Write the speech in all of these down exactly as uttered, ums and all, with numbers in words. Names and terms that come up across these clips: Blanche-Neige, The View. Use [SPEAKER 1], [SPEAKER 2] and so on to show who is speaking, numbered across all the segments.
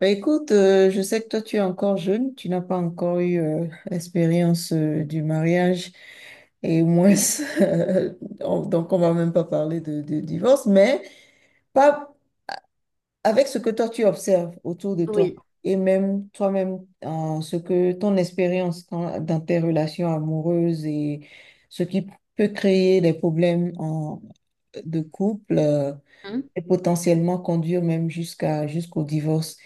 [SPEAKER 1] Bah, écoute, euh, je sais que toi, tu es encore jeune, tu n'as pas encore eu euh, l'expérience euh, du mariage et moins, euh, on- donc on va même pas parler de, de divorce, mais pas avec ce que toi, tu observes autour de toi
[SPEAKER 2] Oui.
[SPEAKER 1] et même toi-même, euh, ce que ton expérience dans, dans tes relations amoureuses et ce qui peut créer des problèmes en- de couple euh,
[SPEAKER 2] Hmm.
[SPEAKER 1] et potentiellement conduire même jusqu'à, jusqu'au divorce.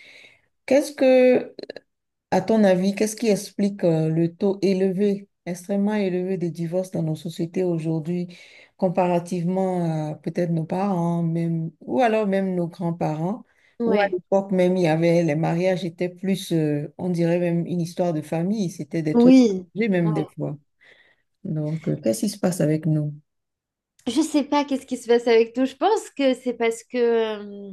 [SPEAKER 1] Qu'est-ce que À ton avis, qu'est-ce qui explique euh, le taux élevé, extrêmement élevé des divorces dans nos sociétés aujourd'hui, comparativement à peut-être nos parents, même, ou alors même nos grands-parents, où à
[SPEAKER 2] Ouais,
[SPEAKER 1] l'époque même, il y avait, les mariages étaient plus, euh, on dirait même une histoire de famille, c'était des trucs,
[SPEAKER 2] oui.
[SPEAKER 1] j'ai même
[SPEAKER 2] Ouais.
[SPEAKER 1] des fois. Donc, euh, qu'est-ce qui se passe avec nous?
[SPEAKER 2] Je sais pas qu'est-ce qui se passe avec nous. Je pense que c'est parce que euh,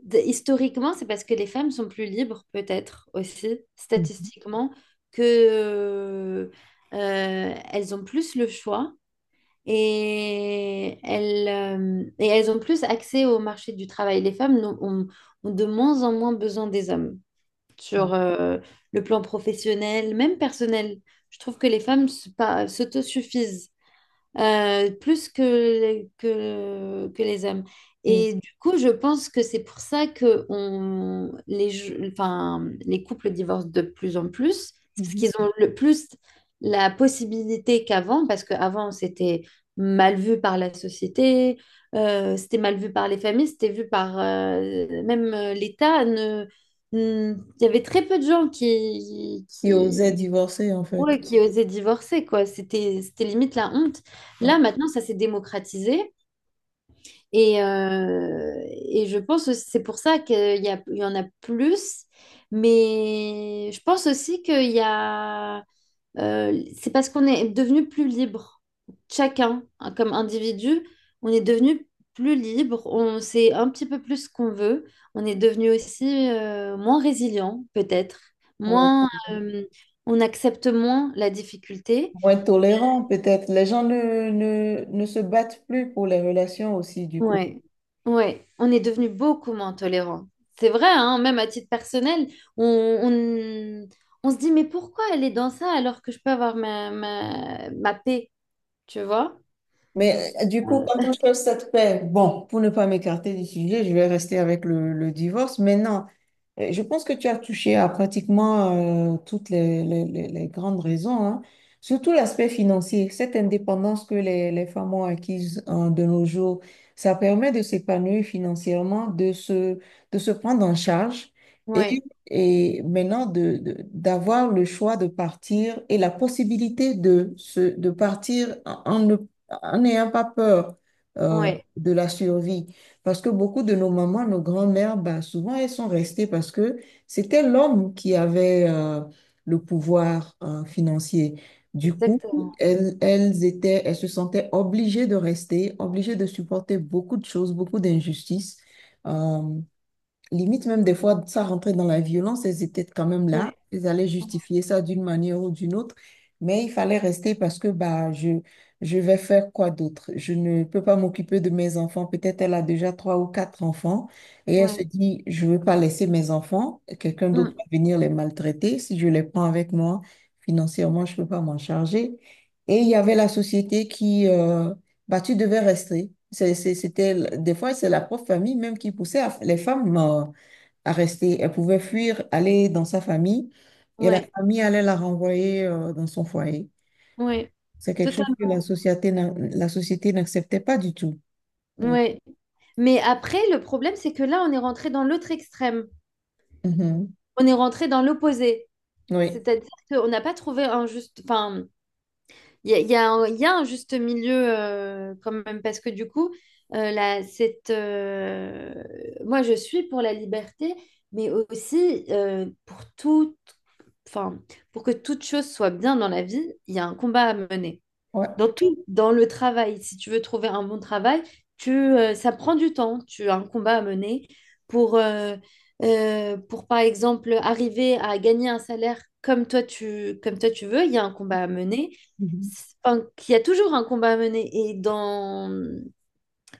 [SPEAKER 2] d- historiquement, c'est parce que les femmes sont plus libres, peut-être aussi,
[SPEAKER 1] Mm.
[SPEAKER 2] statistiquement, que euh, elles ont plus le choix et elles, euh, et elles ont plus accès au marché du travail. Les femmes n'ont- ont, ont de moins en moins besoin des hommes sur euh, le plan professionnel, même personnel. Je trouve que les femmes se- pas- s'autosuffisent euh, plus que, que, que les hommes.
[SPEAKER 1] Mm.
[SPEAKER 2] Et du coup, je pense que c'est pour ça que on, les, je- enfin, les couples divorcent de plus en plus. C'est parce
[SPEAKER 1] Mhm.
[SPEAKER 2] qu'ils ont le plus la possibilité qu'avant, parce qu'avant, c'était mal vu par la société, euh, c'était mal vu par les familles, c'était vu par euh, même euh, l'État. ne- ne- Il y avait très peu de gens qui,
[SPEAKER 1] Qui
[SPEAKER 2] qui,
[SPEAKER 1] osaient divorcer, en fait.
[SPEAKER 2] ouais, qui osaient divorcer, quoi. C'était, c'était limite la honte.
[SPEAKER 1] Ouais.
[SPEAKER 2] Là, maintenant, ça s'est démocratisé. Et, euh, et je pense que c'est pour ça qu'il y a, il y en a plus. Mais je pense aussi qu'il y a... Euh, c'est parce qu'on est devenu plus libre. Chacun, hein, comme individu, on est devenu plus libre, on sait un petit peu plus ce qu'on veut, on est devenu aussi euh, moins résilient, peut-être,
[SPEAKER 1] Ouais.
[SPEAKER 2] moins, euh, on accepte moins la difficulté.
[SPEAKER 1] Moins tolérant peut-être. Les gens ne, ne, ne se battent plus pour les relations aussi, du coup.
[SPEAKER 2] Ouais, ouais, on est devenu beaucoup moins tolérant. C'est vrai, hein, même à titre personnel, on, on, on se dit, mais pourquoi elle est dans ça alors que je peux avoir ma, ma, ma paix, tu vois?
[SPEAKER 1] Mais euh, du coup, quand on cherche cette paix, bon, pour ne pas m'écarter du sujet, je vais rester avec le, le divorce. Maintenant, euh, je pense que tu as touché à pratiquement euh, toutes les, les- les- les grandes raisons, hein. Surtout l'aspect financier, cette indépendance que les, les femmes ont acquise euh, de nos jours, ça permet de s'épanouir financièrement, de se, de se prendre en charge et,
[SPEAKER 2] Ouais,
[SPEAKER 1] et maintenant de, de- d'avoir le choix de partir et la possibilité de, se, de partir en, en ne en n'ayant pas peur euh,
[SPEAKER 2] ouais.
[SPEAKER 1] de la survie. Parce que beaucoup de nos mamans, nos grands-mères, bah, souvent elles sont restées parce que c'était l'homme qui avait euh, le pouvoir euh, financier. Du coup,
[SPEAKER 2] Exactement.
[SPEAKER 1] elles, elles étaient, elles se sentaient obligées de rester, obligées de supporter beaucoup de choses, beaucoup d'injustices. Euh, Limite, même des fois, ça rentrait dans la violence, elles étaient quand même là.
[SPEAKER 2] Ouais.
[SPEAKER 1] Elles allaient justifier ça d'une manière ou d'une autre. Mais il fallait rester parce que bah, je, je vais faire quoi d'autre? Je ne peux pas m'occuper de mes enfants. Peut-être elle a déjà trois ou quatre enfants et elle se
[SPEAKER 2] Ouais.
[SPEAKER 1] dit, je ne veux pas laisser mes enfants. Quelqu'un d'autre
[SPEAKER 2] Mm.
[SPEAKER 1] va venir les maltraiter. Si je les prends avec moi, financièrement, je ne peux pas m'en charger. Et il y avait la société qui, euh, bah, tu devais rester. C'est- c'est- C'était, des fois, c'est la propre famille même qui poussait à- les femmes euh, à rester. Elles pouvaient fuir, aller dans sa famille et la
[SPEAKER 2] Ouais.
[SPEAKER 1] famille allait la renvoyer euh, dans son foyer.
[SPEAKER 2] Ouais.
[SPEAKER 1] C'est quelque chose que
[SPEAKER 2] Totalement.
[SPEAKER 1] la société n'a- la société n'acceptait pas du tout. Ouais.
[SPEAKER 2] Ouais. Mais après, le problème, c'est que là, on est rentré dans l'autre extrême.
[SPEAKER 1] Mhm.
[SPEAKER 2] On est rentré dans l'opposé.
[SPEAKER 1] Oui.
[SPEAKER 2] C'est-à-dire qu'on n'a pas trouvé un juste... Enfin, il y a, il y a un, il y a un juste milieu euh, quand même, parce que du coup, euh, la- cette, euh, moi, je suis pour la liberté, mais aussi euh, pour tout... Enfin, pour que toute chose soit bien dans la vie, il y a un combat à mener.
[SPEAKER 1] Ouais.
[SPEAKER 2] Dans tout, dans le travail, si tu veux trouver un bon travail, tu, euh, ça prend du temps, tu as un combat à mener pour, euh, euh, pour, par exemple, arriver à gagner un salaire comme toi tu, comme toi tu veux, il y a un combat à mener.
[SPEAKER 1] Mhm.
[SPEAKER 2] C'est... Enfin, il y a toujours un combat à mener. Et dans,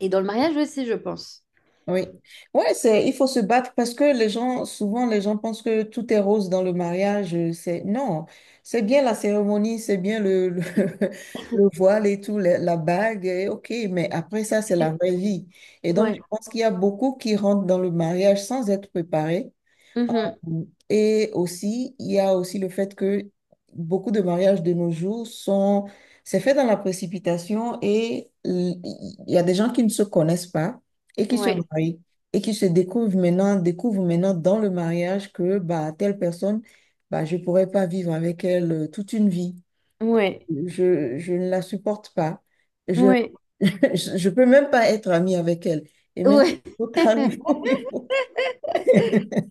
[SPEAKER 2] Et dans le mariage aussi, je pense.
[SPEAKER 1] Oui, ouais, c'est, il faut se battre parce que les gens, souvent, les gens pensent que tout est rose dans le mariage. Euh, C'est, non, c'est bien la cérémonie, c'est bien le, le, le voile et tout, la, la bague, et ok, mais après ça, c'est la vraie vie. Et donc, je
[SPEAKER 2] Ouais.
[SPEAKER 1] pense qu'il y a beaucoup qui rentrent dans le mariage sans être préparés.
[SPEAKER 2] Mhm.
[SPEAKER 1] Et aussi, il y a aussi le fait que beaucoup de mariages de nos jours sont, c'est fait dans la précipitation et l- il y a des gens qui ne se connaissent pas et qui se
[SPEAKER 2] Ouais.
[SPEAKER 1] marient et qui se découvrent maintenant, découvrent maintenant dans le mariage que bah, telle personne, bah, je ne pourrais pas vivre avec elle euh, toute une vie.
[SPEAKER 2] Ouais.
[SPEAKER 1] Je, je ne la supporte pas. Je
[SPEAKER 2] Ouais.
[SPEAKER 1] je peux même pas être amie avec elle. Et maintenant,
[SPEAKER 2] Ouais.
[SPEAKER 1] il faut, il faut, il faut-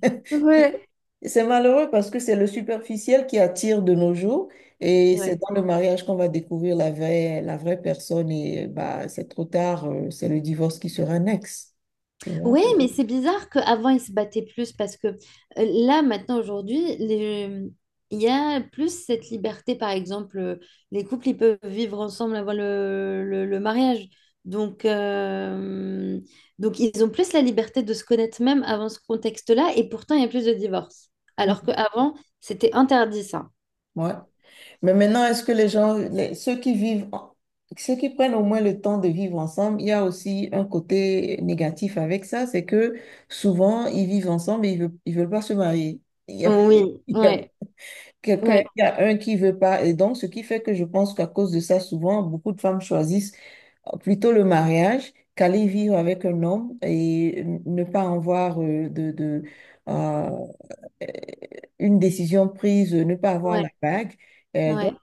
[SPEAKER 2] Ouais.
[SPEAKER 1] C'est malheureux parce que c'est le superficiel qui attire de nos jours et c'est
[SPEAKER 2] Ouais.
[SPEAKER 1] dans le mariage qu'on va découvrir la vraie, la vraie personne et bah, c'est trop tard, euh, c'est le divorce qui sera next. Tu vois?
[SPEAKER 2] Oui, mais c'est bizarre qu'avant, ils se battaient plus parce que euh, là, maintenant, aujourd'hui, les- il y a plus cette liberté. Par exemple, euh, les couples, ils peuvent vivre ensemble avant le, le- le mariage. Donc, euh, donc, ils ont plus la liberté de se connaître même avant ce contexte-là. Et pourtant, il y a plus de divorces. Alors qu'avant, c'était interdit, ça.
[SPEAKER 1] Ouais. Mais maintenant, est-ce que les gens, les- ceux qui vivent, en- ceux qui prennent au moins le temps de vivre ensemble, il y a aussi un côté négatif avec ça, c'est que souvent, ils vivent ensemble et ils veulent, ils veulent pas se marier. Il y a,
[SPEAKER 2] Oui,
[SPEAKER 1] il y a
[SPEAKER 2] ouais,
[SPEAKER 1] Quelqu'un,
[SPEAKER 2] ouais,
[SPEAKER 1] il y a un qui veut pas. Et donc, ce qui fait que je pense qu'à cause de ça, souvent, beaucoup de femmes choisissent euh, plutôt le mariage qu'aller vivre avec un homme et ne pas avoir euh, de, de, euh, euh, une décision prise, ne pas avoir la
[SPEAKER 2] ouais,
[SPEAKER 1] bague. Euh, donc,
[SPEAKER 2] ouais.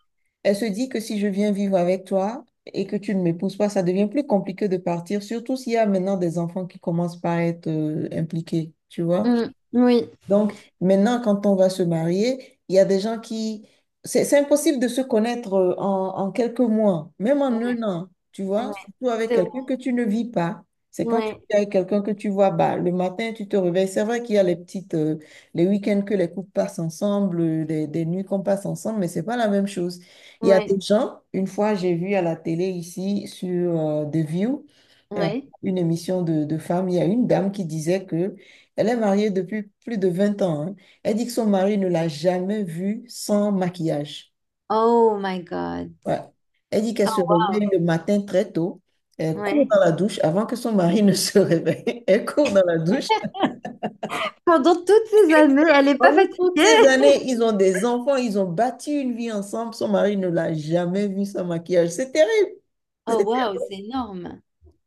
[SPEAKER 1] elle se dit que si je viens vivre avec toi et que tu ne m'épouses pas, ça devient plus compliqué de partir, surtout s'il y a maintenant des enfants qui commencent par être euh, impliqués, tu vois.
[SPEAKER 2] Mm, oui,
[SPEAKER 1] Donc, maintenant, quand on va se marier, il y a des gens qui. C'est, c'est impossible de se connaître euh, en, en quelques mois, même en
[SPEAKER 2] ouais,
[SPEAKER 1] un an, tu vois,
[SPEAKER 2] ouais,
[SPEAKER 1] surtout avec
[SPEAKER 2] c'est vrai.
[SPEAKER 1] quelqu'un que tu ne vis pas. C'est quand tu
[SPEAKER 2] Ouais,
[SPEAKER 1] es avec quelqu'un que tu vois, bah, le matin, tu te réveilles. C'est vrai qu'il y a les petites, euh, les week-ends que les couples passent ensemble, euh, les, des nuits qu'on passe ensemble, mais c'est pas la même chose. Il y a
[SPEAKER 2] ouais,
[SPEAKER 1] des gens, une fois, j'ai vu à la télé ici sur euh, The View, euh,
[SPEAKER 2] ouais.
[SPEAKER 1] une émission de, de femmes, il y a une dame qui disait que elle est mariée depuis plus de vingt ans, hein. Elle dit que son mari ne l'a jamais vue sans maquillage.
[SPEAKER 2] Oh my God.
[SPEAKER 1] Ouais. Elle dit qu'elle se réveille
[SPEAKER 2] Wow.
[SPEAKER 1] le matin très tôt. Elle court
[SPEAKER 2] Ouais.
[SPEAKER 1] dans la douche avant que son mari ne se réveille. Elle court dans la douche.
[SPEAKER 2] Pendant toutes ces années, elle n'est pas
[SPEAKER 1] Pendant toutes
[SPEAKER 2] fatiguée.
[SPEAKER 1] ces années, ils ont des enfants, ils ont bâti une vie ensemble. Son mari ne l'a jamais vue sans maquillage. C'est terrible.
[SPEAKER 2] Oh wow, c'est énorme.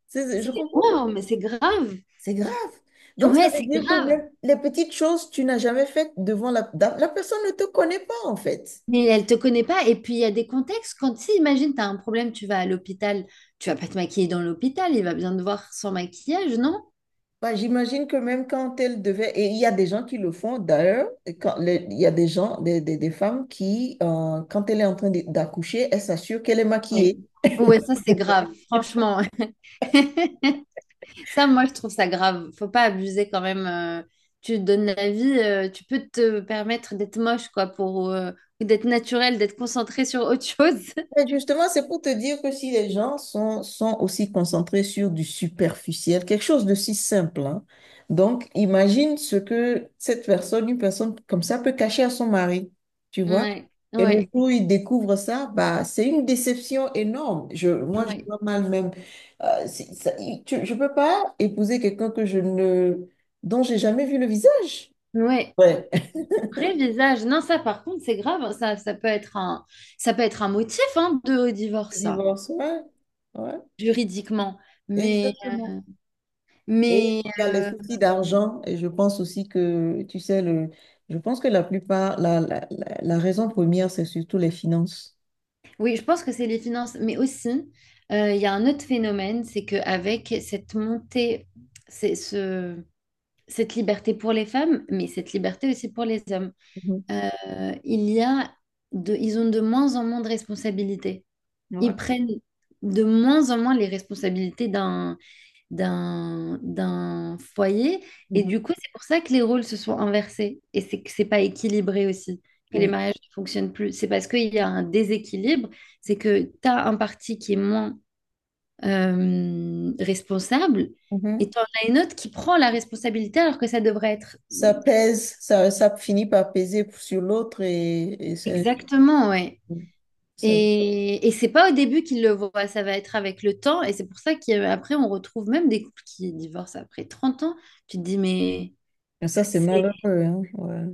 [SPEAKER 1] C'est- c'est- je
[SPEAKER 2] C'est
[SPEAKER 1] comprends pas.
[SPEAKER 2] énorme, c'est grave.
[SPEAKER 1] C'est grave. Donc, ça
[SPEAKER 2] Ouais,
[SPEAKER 1] veut
[SPEAKER 2] c'est
[SPEAKER 1] dire que
[SPEAKER 2] grave.
[SPEAKER 1] même les petites choses, tu n'as jamais faites devant la. La personne ne te connaît pas, en fait.
[SPEAKER 2] Mais elle te connaît pas. Et puis, il y a des contextes. Quand, si, imagine, tu as un problème, tu vas à l'hôpital. Tu vas pas te maquiller dans l'hôpital. Il va bien te voir sans maquillage, non?
[SPEAKER 1] Bah, j'imagine que même quand elle devait, et il y a des gens qui le font d'ailleurs, et quand les- il y a des gens, des, des- des femmes qui, euh, quand elle est en train de- d'accoucher, elle s'assure qu'elle est
[SPEAKER 2] Mais...
[SPEAKER 1] maquillée.
[SPEAKER 2] Ouais, ça, c'est grave. Franchement. Ça, moi, je trouve ça grave. Faut pas abuser quand même. Euh, tu te donnes la vie. Euh, tu peux te permettre d'être moche, quoi, pour, euh, ou d'être naturel, d'être concentré sur autre chose.
[SPEAKER 1] Mais justement, c'est pour te dire que si les gens sont, sont aussi concentrés sur du superficiel, quelque chose de si simple, hein. Donc, imagine ce que cette personne, une personne comme ça, peut cacher à son mari, tu vois?
[SPEAKER 2] Ouais,
[SPEAKER 1] Et le jour
[SPEAKER 2] ouais,
[SPEAKER 1] où il découvre ça, bah, c'est une déception énorme. Je, moi, je
[SPEAKER 2] ouais.
[SPEAKER 1] vois mal même. Euh, c'est- ça- il- tu- je ne peux pas épouser quelqu'un que je ne, dont j'ai jamais vu le visage.
[SPEAKER 2] Ouais.
[SPEAKER 1] Ouais.
[SPEAKER 2] Vrai visage. Non, ça, par contre, c'est grave, hein. Ça, ça peut être un, ça peut être un motif, hein, de divorce, ça,
[SPEAKER 1] Divorce, ouais. Ouais,
[SPEAKER 2] juridiquement. Mais,
[SPEAKER 1] exactement. Et
[SPEAKER 2] mais
[SPEAKER 1] il y a les
[SPEAKER 2] euh,
[SPEAKER 1] soucis d'argent. Et je pense aussi que, tu sais, le, je pense que la plupart, la, la, la, la raison première, c'est surtout les finances.
[SPEAKER 2] oui, je pense que c'est les finances. Mais aussi, euh, il y a un autre phénomène, c'est qu'avec cette montée, c'est ce, cette liberté pour les femmes, mais cette liberté aussi pour les hommes,
[SPEAKER 1] Mhm.
[SPEAKER 2] euh, il y a de, ils ont de moins en moins de responsabilités.
[SPEAKER 1] Ouais.
[SPEAKER 2] Ils prennent de moins en moins les responsabilités d'un d'un d'un foyer. Et
[SPEAKER 1] Mhm.
[SPEAKER 2] du coup, c'est pour ça que les rôles se sont inversés. Et c'est que c'est pas équilibré aussi. Que les
[SPEAKER 1] Oui.
[SPEAKER 2] mariages ne fonctionnent plus. C'est parce qu'il y a un déséquilibre. C'est que tu as un parti qui est moins euh, responsable et
[SPEAKER 1] Mhm.
[SPEAKER 2] tu en as une autre qui prend la responsabilité alors que ça devrait être
[SPEAKER 1] Ça pèse, ça, ça finit par peser sur l'autre et, et c'est-
[SPEAKER 2] exactement, ouais.
[SPEAKER 1] ça,
[SPEAKER 2] Et, et c'est pas au début qu'ils le voient, ça va être avec le temps. Et c'est pour ça qu'après, on retrouve même des couples qui divorcent après trente ans. Tu te dis, mais
[SPEAKER 1] et ça, c'est
[SPEAKER 2] c'est
[SPEAKER 1] malheureux, hein. Ouais.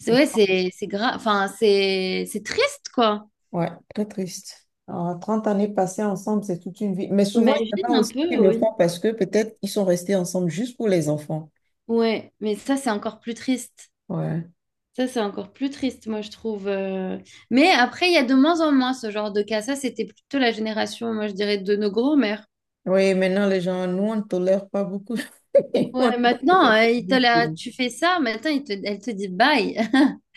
[SPEAKER 2] C'est ouais, c'est c'est grave. Enfin, c'est c'est triste, quoi.
[SPEAKER 1] Ouais, très triste. Alors, trente années passées ensemble, c'est toute une vie. Mais souvent, il y
[SPEAKER 2] Imagine
[SPEAKER 1] en a
[SPEAKER 2] un
[SPEAKER 1] aussi qui
[SPEAKER 2] peu,
[SPEAKER 1] le
[SPEAKER 2] oui.
[SPEAKER 1] font parce que peut-être ils sont restés ensemble juste pour les enfants.
[SPEAKER 2] Ouais, mais ça, c'est encore plus triste.
[SPEAKER 1] Ouais.
[SPEAKER 2] Ça, c'est encore plus triste, moi, je trouve. Euh. Mais après, il y a de moins en moins ce genre de cas. Ça, c'était plutôt la génération, moi, je dirais, de nos grands-mères.
[SPEAKER 1] Oui, maintenant, les gens, nous, on ne tolère pas beaucoup.
[SPEAKER 2] Ouais, maintenant, euh, il te la- tu fais ça, maintenant, il te- elle te dit bye.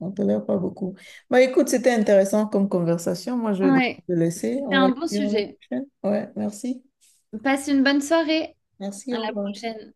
[SPEAKER 1] On ne tolère pas beaucoup. Bah, écoute, c'était intéressant comme conversation. Moi, je vais devoir
[SPEAKER 2] Ouais,
[SPEAKER 1] te laisser.
[SPEAKER 2] c'était
[SPEAKER 1] On va
[SPEAKER 2] un
[SPEAKER 1] se
[SPEAKER 2] bon
[SPEAKER 1] dire à la
[SPEAKER 2] sujet.
[SPEAKER 1] prochaine. Ouais, merci.
[SPEAKER 2] Passe une bonne soirée. À
[SPEAKER 1] Merci, au
[SPEAKER 2] la
[SPEAKER 1] revoir.
[SPEAKER 2] prochaine.